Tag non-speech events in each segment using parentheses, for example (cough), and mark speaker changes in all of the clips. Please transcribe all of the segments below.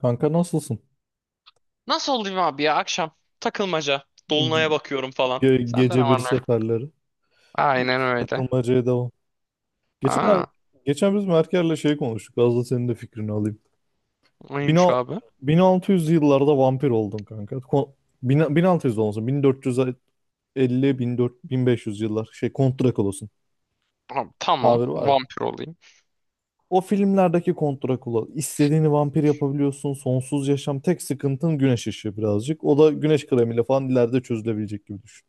Speaker 1: Kanka nasılsın?
Speaker 2: Nasıl olayım abi ya akşam takılmaca. Dolunay'a bakıyorum falan.
Speaker 1: Ge-
Speaker 2: Sende ne
Speaker 1: gece bir
Speaker 2: var ne yok?
Speaker 1: seferleri.
Speaker 2: Aynen
Speaker 1: Hiç
Speaker 2: öyle.
Speaker 1: takılmacaya devam. Geçen, er-
Speaker 2: Aa,
Speaker 1: geçen biz Merker'le şey konuştuk. Az da senin de fikrini alayım. 1000
Speaker 2: neymiş abi?
Speaker 1: 1600 yıllarda vampir oldum kanka. 1600 olmasın. 1450-1500 yıllar. Şey Kont Drakula'sın.
Speaker 2: Ha, tamam,
Speaker 1: Tabir var ya.
Speaker 2: vampir olayım.
Speaker 1: O filmlerdeki Kont Drakula. İstediğini vampir yapabiliyorsun. Sonsuz yaşam. Tek sıkıntın güneş ışığı birazcık. O da güneş kremiyle falan ileride çözülebilecek gibi düşün.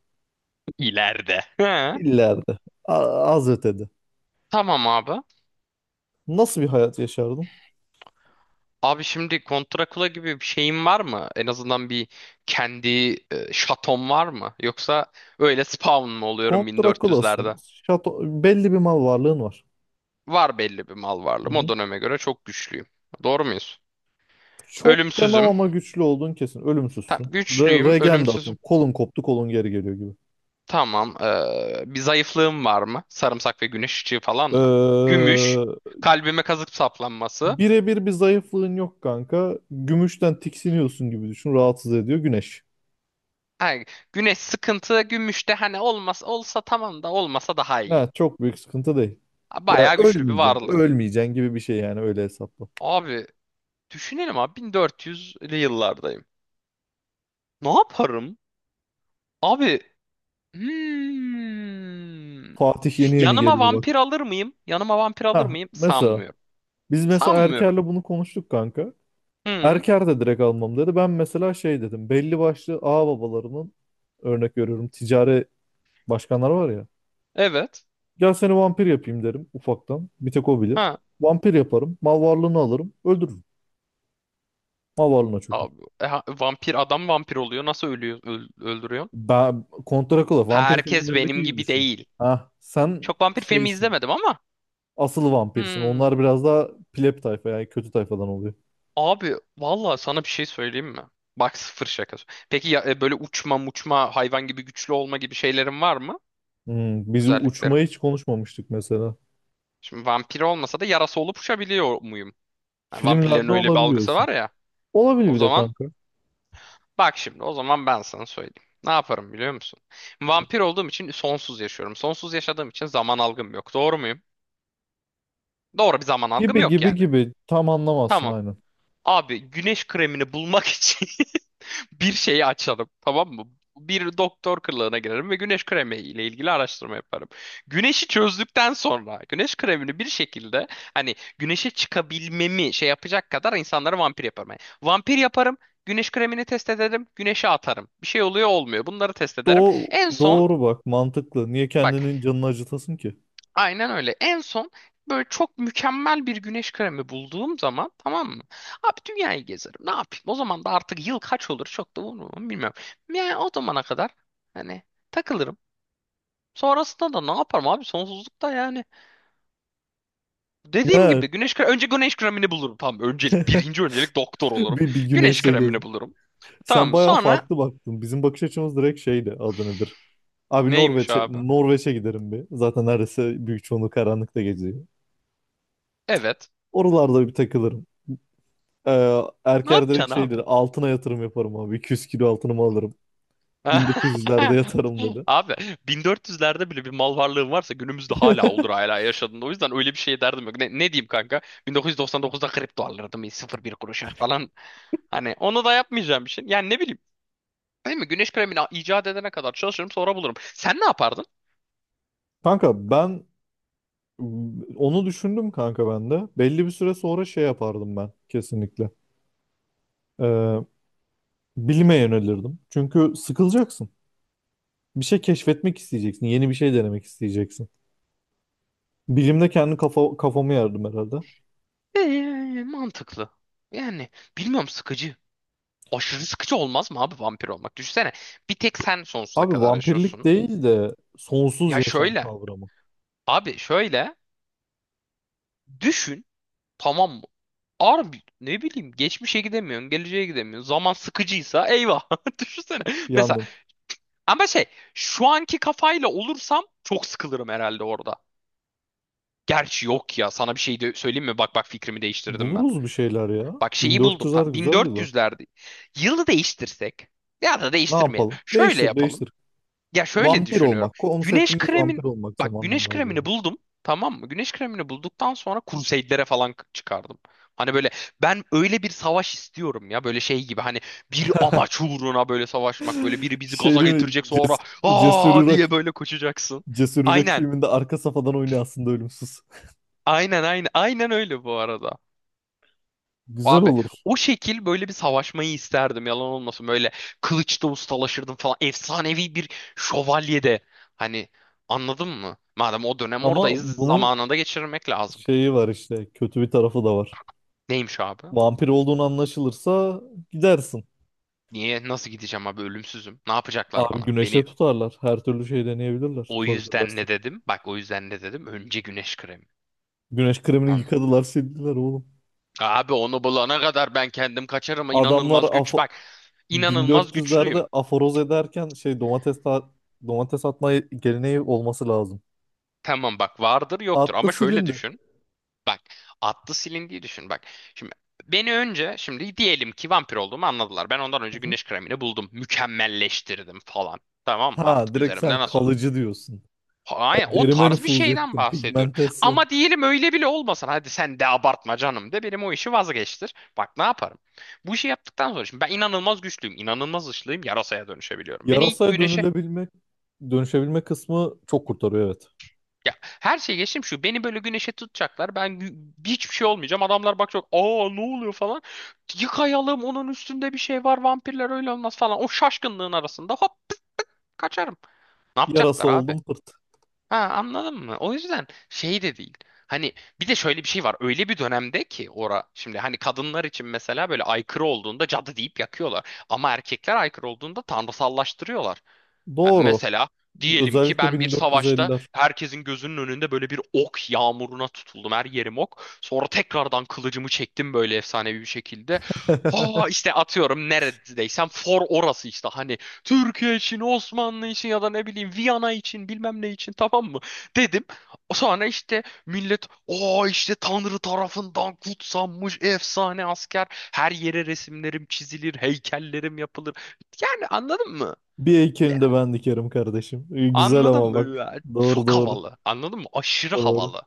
Speaker 2: İleride. He,
Speaker 1: İleride. A- Az ötede.
Speaker 2: tamam abi.
Speaker 1: Nasıl bir hayat yaşardın?
Speaker 2: Abi şimdi kontrakula gibi bir şeyin var mı? En azından bir kendi şaton var mı? Yoksa öyle spawn mı oluyorum
Speaker 1: Kont Drakula'sın.
Speaker 2: 1400'lerde?
Speaker 1: Şato, belli bir mal varlığın var.
Speaker 2: Var belli bir mal
Speaker 1: Hı
Speaker 2: varlığım. O
Speaker 1: hı.
Speaker 2: döneme göre çok güçlüyüm. Doğru muyuz?
Speaker 1: Çok demem
Speaker 2: Ölümsüzüm.
Speaker 1: ama güçlü olduğun kesin.
Speaker 2: Tam
Speaker 1: Ölümsüzsün. Re
Speaker 2: güçlüyüm,
Speaker 1: regen de
Speaker 2: ölümsüzüm.
Speaker 1: atıyorum. Kolun koptu, kolun geri geliyor gibi.
Speaker 2: Tamam. Bir zayıflığım var mı? Sarımsak ve güneş ışığı falan
Speaker 1: Ee,
Speaker 2: mı? Gümüş. Kalbime kazık saplanması.
Speaker 1: birebir bir zayıflığın yok kanka. Gümüşten tiksiniyorsun gibi düşün. Rahatsız ediyor güneş.
Speaker 2: Ha, güneş sıkıntı. Gümüş de hani olmaz, olsa tamam da olmasa daha iyi.
Speaker 1: Ha, çok büyük sıkıntı değil. Ya
Speaker 2: Bayağı güçlü bir
Speaker 1: ölmeyeceksin,
Speaker 2: varlığım.
Speaker 1: ölmeyeceksin gibi bir şey yani öyle hesapla.
Speaker 2: Abi düşünelim abi 1400'lü yıllardayım. Ne yaparım? Abi hmm.
Speaker 1: Fatih yeni yeni
Speaker 2: Yanıma
Speaker 1: geliyor
Speaker 2: vampir
Speaker 1: bak.
Speaker 2: alır mıyım? Yanıma vampir alır
Speaker 1: Ha,
Speaker 2: mıyım?
Speaker 1: mesela
Speaker 2: Sanmıyorum.
Speaker 1: biz mesela Erker'le
Speaker 2: Sanmıyorum.
Speaker 1: bunu konuştuk kanka.
Speaker 2: Hı,
Speaker 1: Erker de direkt almam dedi. Ben mesela şey dedim. Belli başlı ağababalarının örnek veriyorum ticari başkanlar var ya.
Speaker 2: evet.
Speaker 1: Gel seni vampir yapayım derim ufaktan. Bir tek o bilir. Vampir yaparım. Mal varlığını alırım. Öldürürüm. Mal varlığına çökerim.
Speaker 2: Abi, vampir adam vampir oluyor. Nasıl ölüyor, öldürüyor?
Speaker 1: Ben Contra Killa vampir
Speaker 2: Herkes
Speaker 1: filmlerindeki
Speaker 2: benim
Speaker 1: gibi
Speaker 2: gibi
Speaker 1: düşün.
Speaker 2: değil.
Speaker 1: Ha, sen
Speaker 2: Çok vampir filmi
Speaker 1: şeysin.
Speaker 2: izlemedim ama.
Speaker 1: Asıl vampirsin.
Speaker 2: Hmm.
Speaker 1: Onlar biraz daha pleb tayfa yani kötü tayfadan oluyor.
Speaker 2: Abi valla sana bir şey söyleyeyim mi? Bak sıfır şakası. Peki ya, böyle uçma muçma hayvan gibi güçlü olma gibi şeylerin var mı?
Speaker 1: Biz
Speaker 2: Özelliklerim.
Speaker 1: uçmayı hiç konuşmamıştık mesela.
Speaker 2: Şimdi vampir olmasa da yarası olup uçabiliyor muyum? Yani vampirlerin
Speaker 1: Filmlerde
Speaker 2: öyle bir algısı
Speaker 1: olabiliyorsun.
Speaker 2: var ya.
Speaker 1: Olabilir
Speaker 2: O
Speaker 1: bir de
Speaker 2: zaman
Speaker 1: kanka.
Speaker 2: bak şimdi o zaman ben sana söyleyeyim. Ne yaparım biliyor musun? Vampir olduğum için sonsuz yaşıyorum. Sonsuz yaşadığım için zaman algım yok. Doğru muyum? Doğru bir zaman algım
Speaker 1: Gibi
Speaker 2: yok
Speaker 1: gibi
Speaker 2: yani.
Speaker 1: gibi tam anlamazsın
Speaker 2: Tamam.
Speaker 1: aynen.
Speaker 2: Abi güneş kremini bulmak için (laughs) bir şeyi açalım. Tamam mı? Bir doktor kılığına girerim ve güneş kremi ile ilgili araştırma yaparım. Güneşi çözdükten sonra güneş kremini bir şekilde hani güneşe çıkabilmemi şey yapacak kadar insanları vampir yaparım. Yani vampir yaparım, güneş kremini test ederim, güneşe atarım. Bir şey oluyor olmuyor. Bunları test ederim.
Speaker 1: Doğ
Speaker 2: En son
Speaker 1: doğru bak, mantıklı. Niye
Speaker 2: bak.
Speaker 1: kendinin canını acıtasın ki?
Speaker 2: Aynen öyle. En son böyle çok mükemmel bir güneş kremi bulduğum zaman tamam mı? Abi dünyayı gezerim. Ne yapayım? O zaman da artık yıl kaç olur çok da umurum bilmiyorum. Yani o zamana kadar hani takılırım. Sonrasında da ne yaparım abi? Sonsuzlukta yani. Dediğim
Speaker 1: Ya
Speaker 2: gibi güneş kremi, önce güneş kremini bulurum. Tamam öncelik birinci öncelik doktor
Speaker 1: (laughs)
Speaker 2: olurum.
Speaker 1: bir
Speaker 2: Güneş
Speaker 1: güneşle gez.
Speaker 2: kremini bulurum. Tamam
Speaker 1: Sen
Speaker 2: mı?
Speaker 1: bayağı
Speaker 2: Sonra
Speaker 1: farklı baktın. Bizim bakış açımız direkt şeydi, adı nedir? Abi
Speaker 2: neymiş
Speaker 1: Norveç'e
Speaker 2: abi?
Speaker 1: Norveç'e giderim bir. Zaten neredeyse büyük çoğunluğu karanlıkta geçiyor.
Speaker 2: Evet.
Speaker 1: Oralarda bir takılırım. Ee,
Speaker 2: Ne
Speaker 1: Erker
Speaker 2: yapacaksın
Speaker 1: direkt
Speaker 2: abi?
Speaker 1: şeydir, altına yatırım yaparım abi. 200 kilo altınımı alırım.
Speaker 2: (laughs)
Speaker 1: 1900'lerde yatarım dedi.
Speaker 2: Abi 1400'lerde bile bir mal varlığım varsa günümüzde hala olur hala yaşadığında. O yüzden öyle bir şey derdim yok. Ne diyeyim kanka? 1999'da kripto alırdım sıfır bir kuruşa falan. Hani onu da yapmayacağım bir şey. Yani ne bileyim. Değil mi? Güneş kremini icat edene kadar çalışırım sonra bulurum. Sen ne yapardın?
Speaker 1: (laughs) Kanka ben Onu düşündüm kanka ben de. Belli bir süre sonra şey yapardım ben kesinlikle. Ee, bilime yönelirdim. Çünkü sıkılacaksın. Bir şey keşfetmek isteyeceksin. Yeni bir şey denemek isteyeceksin. Bilimde kendi kafamı yardım herhalde.
Speaker 2: Mantıklı. Yani bilmiyorum sıkıcı. Aşırı sıkıcı olmaz mı abi vampir olmak? Düşünsene bir tek sen sonsuza
Speaker 1: Abi
Speaker 2: kadar
Speaker 1: vampirlik
Speaker 2: yaşıyorsun.
Speaker 1: değil de sonsuz
Speaker 2: Ya
Speaker 1: yaşam
Speaker 2: şöyle.
Speaker 1: kavramı.
Speaker 2: Abi şöyle. Düşün. Tamam mı? Abi ne bileyim geçmişe gidemiyorsun, geleceğe gidemiyorsun. Zaman sıkıcıysa eyvah. (laughs) Düşünsene. Mesela
Speaker 1: Yalnız
Speaker 2: ama şey şu anki kafayla olursam çok sıkılırım herhalde orada. Gerçi yok ya sana bir şey de söyleyeyim mi? Bak bak fikrimi değiştirdim ben.
Speaker 1: buluruz bir şeyler ya.
Speaker 2: Bak şeyi buldum.
Speaker 1: 1400'ler
Speaker 2: Tam
Speaker 1: güzel yıllar.
Speaker 2: 1400'lerde. Yılı değiştirsek ya da
Speaker 1: Ne
Speaker 2: değiştirmeyelim.
Speaker 1: yapalım?
Speaker 2: Şöyle
Speaker 1: Değiştir,
Speaker 2: yapalım.
Speaker 1: değiştir.
Speaker 2: Ya şöyle
Speaker 1: Vampir
Speaker 2: düşünüyorum.
Speaker 1: olmak.
Speaker 2: Güneş
Speaker 1: Konseptimiz
Speaker 2: kremin
Speaker 1: vampir olmak
Speaker 2: bak
Speaker 1: zamandan
Speaker 2: güneş
Speaker 1: daha ziyade.
Speaker 2: kremini buldum. Tamam mı? Güneş kremini bulduktan sonra Crusade'lere falan çıkardım. Hani böyle ben öyle bir savaş istiyorum ya böyle şey gibi hani bir
Speaker 1: (laughs)
Speaker 2: amaç uğruna böyle savaşmak böyle biri bizi gaza
Speaker 1: Şeyini
Speaker 2: getirecek sonra
Speaker 1: cesur
Speaker 2: aa diye böyle koşacaksın.
Speaker 1: Cesur Yürek
Speaker 2: Aynen.
Speaker 1: filminde arka safadan oynuyor aslında ölümsüz.
Speaker 2: Aynen aynen aynen öyle bu arada.
Speaker 1: (laughs) Güzel
Speaker 2: Abi
Speaker 1: olur.
Speaker 2: o şekil böyle bir savaşmayı isterdim yalan olmasın. Böyle kılıçta ustalaşırdım falan. Efsanevi bir şövalyede. Hani anladın mı? Madem o dönem
Speaker 1: Ama
Speaker 2: oradayız
Speaker 1: bunun
Speaker 2: zamanında geçirmek lazım.
Speaker 1: şeyi var işte. Kötü bir tarafı da var.
Speaker 2: Neymiş abi?
Speaker 1: Vampir olduğunu anlaşılırsa gidersin.
Speaker 2: Niye? Nasıl gideceğim abi? Ölümsüzüm. Ne yapacaklar
Speaker 1: Abi
Speaker 2: bana? Beni
Speaker 1: güneşe tutarlar. Her türlü şey deneyebilirler.
Speaker 2: o yüzden
Speaker 1: Tutabilirlerse.
Speaker 2: ne dedim? Bak o yüzden ne dedim? Önce güneş kremi.
Speaker 1: Güneş kremini
Speaker 2: Anla.
Speaker 1: yıkadılar sildiler oğlum.
Speaker 2: Abi onu bulana kadar ben kendim kaçarım.
Speaker 1: Adamlar
Speaker 2: İnanılmaz güç. Bak inanılmaz güçlüyüm.
Speaker 1: 1400'lerde aforoz ederken şey domates atma geleneği olması lazım.
Speaker 2: Tamam bak vardır yoktur
Speaker 1: Attı
Speaker 2: ama şöyle
Speaker 1: silindi. Hı
Speaker 2: düşün. Bak atlı silindiği düşün bak. Şimdi beni önce şimdi diyelim ki vampir olduğumu anladılar. Ben ondan önce
Speaker 1: hı.
Speaker 2: güneş kremini buldum. Mükemmelleştirdim falan. Tamam mı?
Speaker 1: Ha,
Speaker 2: Artık
Speaker 1: direkt
Speaker 2: üzerimde
Speaker 1: sen
Speaker 2: nasıl olur?
Speaker 1: kalıcı diyorsun. Ya
Speaker 2: Hayır, o
Speaker 1: derime
Speaker 2: tarz bir
Speaker 1: nüfuz
Speaker 2: şeyden
Speaker 1: ettim.
Speaker 2: bahsediyorum.
Speaker 1: Pigmentasyon.
Speaker 2: Ama diyelim öyle bile olmasın. Hadi sen de abartma canım de benim o işi vazgeçtir. Bak ne yaparım? Bu işi yaptıktan sonra şimdi ben inanılmaz güçlüyüm. İnanılmaz ışlıyım. Yarasaya dönüşebiliyorum. Beni ilk
Speaker 1: Yarasaya
Speaker 2: güneşe.
Speaker 1: dönülebilmek, dönüşebilme kısmı çok kurtarıyor, evet.
Speaker 2: Ya her şeyi geçtim şu. Beni böyle güneşe tutacaklar. Ben hiçbir şey olmayacağım. Adamlar bakacak. Aa ne oluyor falan. Yıkayalım onun üstünde bir şey var. Vampirler öyle olmaz falan. O şaşkınlığın arasında hop kaçarım. Ne
Speaker 1: Yarasa
Speaker 2: yapacaklar abi?
Speaker 1: oldum pırt.
Speaker 2: Ha anladın mı? O yüzden şey de değil. Hani bir de şöyle bir şey var. Öyle bir dönemde ki ora şimdi hani kadınlar için mesela böyle aykırı olduğunda cadı deyip yakıyorlar. Ama erkekler aykırı olduğunda tanrısallaştırıyorlar. Ha,
Speaker 1: Doğru.
Speaker 2: mesela diyelim ki
Speaker 1: Özellikle
Speaker 2: ben bir savaşta
Speaker 1: 1450'ler.
Speaker 2: herkesin gözünün önünde böyle bir ok yağmuruna tutuldum. Her yerim ok. Sonra tekrardan kılıcımı çektim böyle efsanevi bir şekilde. Aa,
Speaker 1: (laughs)
Speaker 2: işte atıyorum neredeysem for orası işte hani Türkiye için, Osmanlı için ya da ne bileyim Viyana için bilmem ne için tamam mı dedim. Sonra işte millet o işte Tanrı tarafından kutsanmış efsane asker her yere resimlerim çizilir heykellerim yapılır yani anladın mı?
Speaker 1: Bir heykelini de ben dikerim kardeşim. Güzel
Speaker 2: Anladın
Speaker 1: ama
Speaker 2: mı?
Speaker 1: bak.
Speaker 2: Ya,
Speaker 1: Doğru
Speaker 2: çok
Speaker 1: doğru.
Speaker 2: havalı. Anladın mı? Aşırı
Speaker 1: Doğru.
Speaker 2: havalı.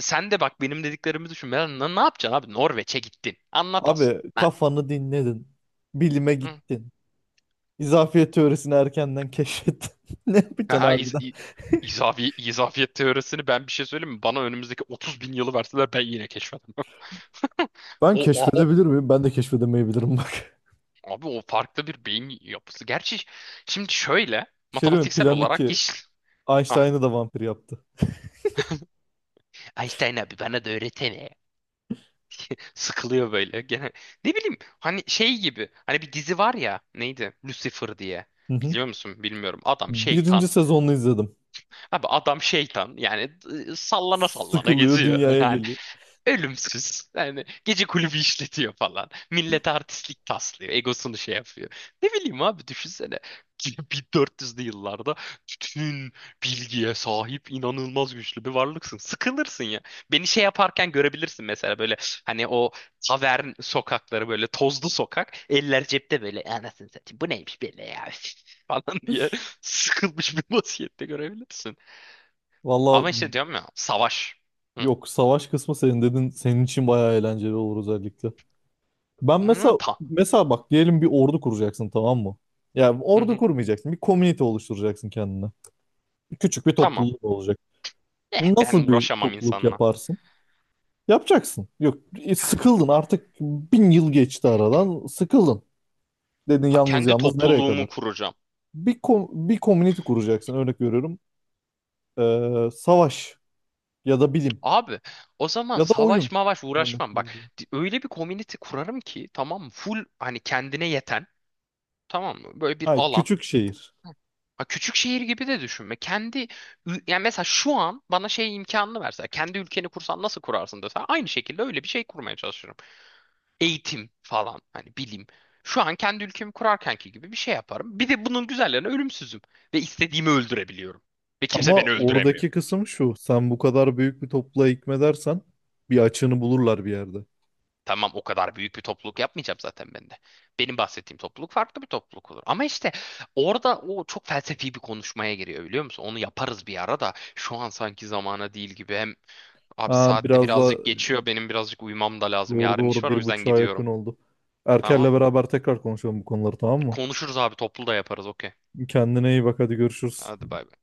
Speaker 2: Sen de bak benim dediklerimi düşün. Ne yapacaksın abi? Norveç'e gittin. Anlat as.
Speaker 1: Abi
Speaker 2: Ha,
Speaker 1: kafanı dinledin. Bilime
Speaker 2: hı.
Speaker 1: gittin. İzafiyet teorisini erkenden keşfettin. (laughs) Ne yapacaksın
Speaker 2: Aha,
Speaker 1: harbiden?
Speaker 2: izafiyet teorisini ben bir şey söyleyeyim mi? Bana önümüzdeki 30 bin yılı verseler ben yine keşfederim.
Speaker 1: Ben
Speaker 2: O, o, o-
Speaker 1: keşfedebilir miyim? Ben de keşfedemeyebilirim bak.
Speaker 2: Abi o farklı bir beyin yapısı. Gerçi şimdi şöyle
Speaker 1: (laughs) Şey değil mi?
Speaker 2: matematiksel
Speaker 1: Plan
Speaker 2: olarak
Speaker 1: 2.
Speaker 2: iş... Ah,
Speaker 1: Einstein'ı da vampir yaptı.
Speaker 2: Einstein abi bana da öğretene. Sıkılıyor böyle. Gene ne bileyim hani şey gibi. Hani bir dizi var ya neydi? Lucifer diye.
Speaker 1: Hı hı.
Speaker 2: Biliyor musun? Bilmiyorum. Adam
Speaker 1: Birinci
Speaker 2: şeytan.
Speaker 1: sezonunu izledim.
Speaker 2: Abi adam şeytan. Yani sallana sallana
Speaker 1: Sıkılıyor,
Speaker 2: geziyor. (laughs)
Speaker 1: dünyaya
Speaker 2: Yani
Speaker 1: geliyor.
Speaker 2: ölümsüz. Yani gece kulübü işletiyor falan. Millete artistlik taslıyor. Egosunu şey yapıyor. Ne bileyim abi düşünsene. 1400'lü yıllarda bütün bilgiye sahip inanılmaz güçlü bir varlıksın. Sıkılırsın ya. Beni şey yaparken görebilirsin mesela böyle hani o tavern sokakları böyle tozlu sokak. Eller cepte böyle anasını satayım bu neymiş böyle ya (laughs) falan diye sıkılmış bir vaziyette görebilirsin.
Speaker 1: Valla,
Speaker 2: Ama işte diyorum ya savaş. Hı.
Speaker 1: yok, savaş kısmı senin dedin, senin için bayağı eğlenceli olur özellikle. Ben
Speaker 2: Hı,
Speaker 1: mesela mesela bak, diyelim bir ordu kuracaksın, tamam mı? Yani
Speaker 2: hı
Speaker 1: ordu
Speaker 2: hı.
Speaker 1: kurmayacaksın. Bir komünite oluşturacaksın kendine. Küçük bir
Speaker 2: Tamam.
Speaker 1: topluluk olacak.
Speaker 2: Eh ben
Speaker 1: Nasıl bir
Speaker 2: uğraşamam
Speaker 1: topluluk
Speaker 2: insanla.
Speaker 1: yaparsın? Yapacaksın. Yok,
Speaker 2: Ha,
Speaker 1: sıkıldın artık, 1000 yıl geçti aradan, sıkıldın. Dedin
Speaker 2: ha,
Speaker 1: yalnız
Speaker 2: kendi
Speaker 1: yalnız nereye
Speaker 2: topluluğumu
Speaker 1: kadar?
Speaker 2: kuracağım.
Speaker 1: Bir community kuracaksın örnek veriyorum. Savaş ya da bilim
Speaker 2: Abi o zaman
Speaker 1: ya da
Speaker 2: savaş
Speaker 1: oyun,
Speaker 2: mavaş
Speaker 1: örnek
Speaker 2: uğraşmam. Bak
Speaker 1: veriyorum.
Speaker 2: öyle bir community kurarım ki tamam mı? Full hani kendine yeten tamam mı? Böyle bir
Speaker 1: Ha,
Speaker 2: alan.
Speaker 1: küçük şehir.
Speaker 2: Ha, küçük şehir gibi de düşünme. Kendi yani mesela şu an bana şey imkanını verse kendi ülkeni kursan nasıl kurarsın dese aynı şekilde öyle bir şey kurmaya çalışırım. Eğitim falan hani bilim. Şu an kendi ülkemi kurarkenki gibi bir şey yaparım. Bir de bunun güzellerine ölümsüzüm ve istediğimi öldürebiliyorum. Ve kimse
Speaker 1: Ama
Speaker 2: beni öldüremiyor.
Speaker 1: oradaki kısım şu. Sen bu kadar büyük bir topluğa hükmedersen bir açığını bulurlar bir yerde.
Speaker 2: Tamam o kadar büyük bir topluluk yapmayacağım zaten ben de. Benim bahsettiğim topluluk farklı bir topluluk olur. Ama işte orada o çok felsefi bir konuşmaya giriyor biliyor musun? Onu yaparız bir ara da şu an sanki zamana değil gibi. Hem abi
Speaker 1: Ha,
Speaker 2: saatte
Speaker 1: biraz da
Speaker 2: birazcık geçiyor benim birazcık uyumam da lazım.
Speaker 1: Doğru
Speaker 2: Yarın iş
Speaker 1: doğru,
Speaker 2: var o
Speaker 1: bir
Speaker 2: yüzden
Speaker 1: buçuğa yakın
Speaker 2: gidiyorum.
Speaker 1: oldu.
Speaker 2: Tamam.
Speaker 1: Erker'le beraber tekrar konuşalım bu konuları, tamam mı?
Speaker 2: Konuşuruz abi toplu da yaparız okey.
Speaker 1: Kendine iyi bak, hadi görüşürüz.
Speaker 2: Hadi bay bay.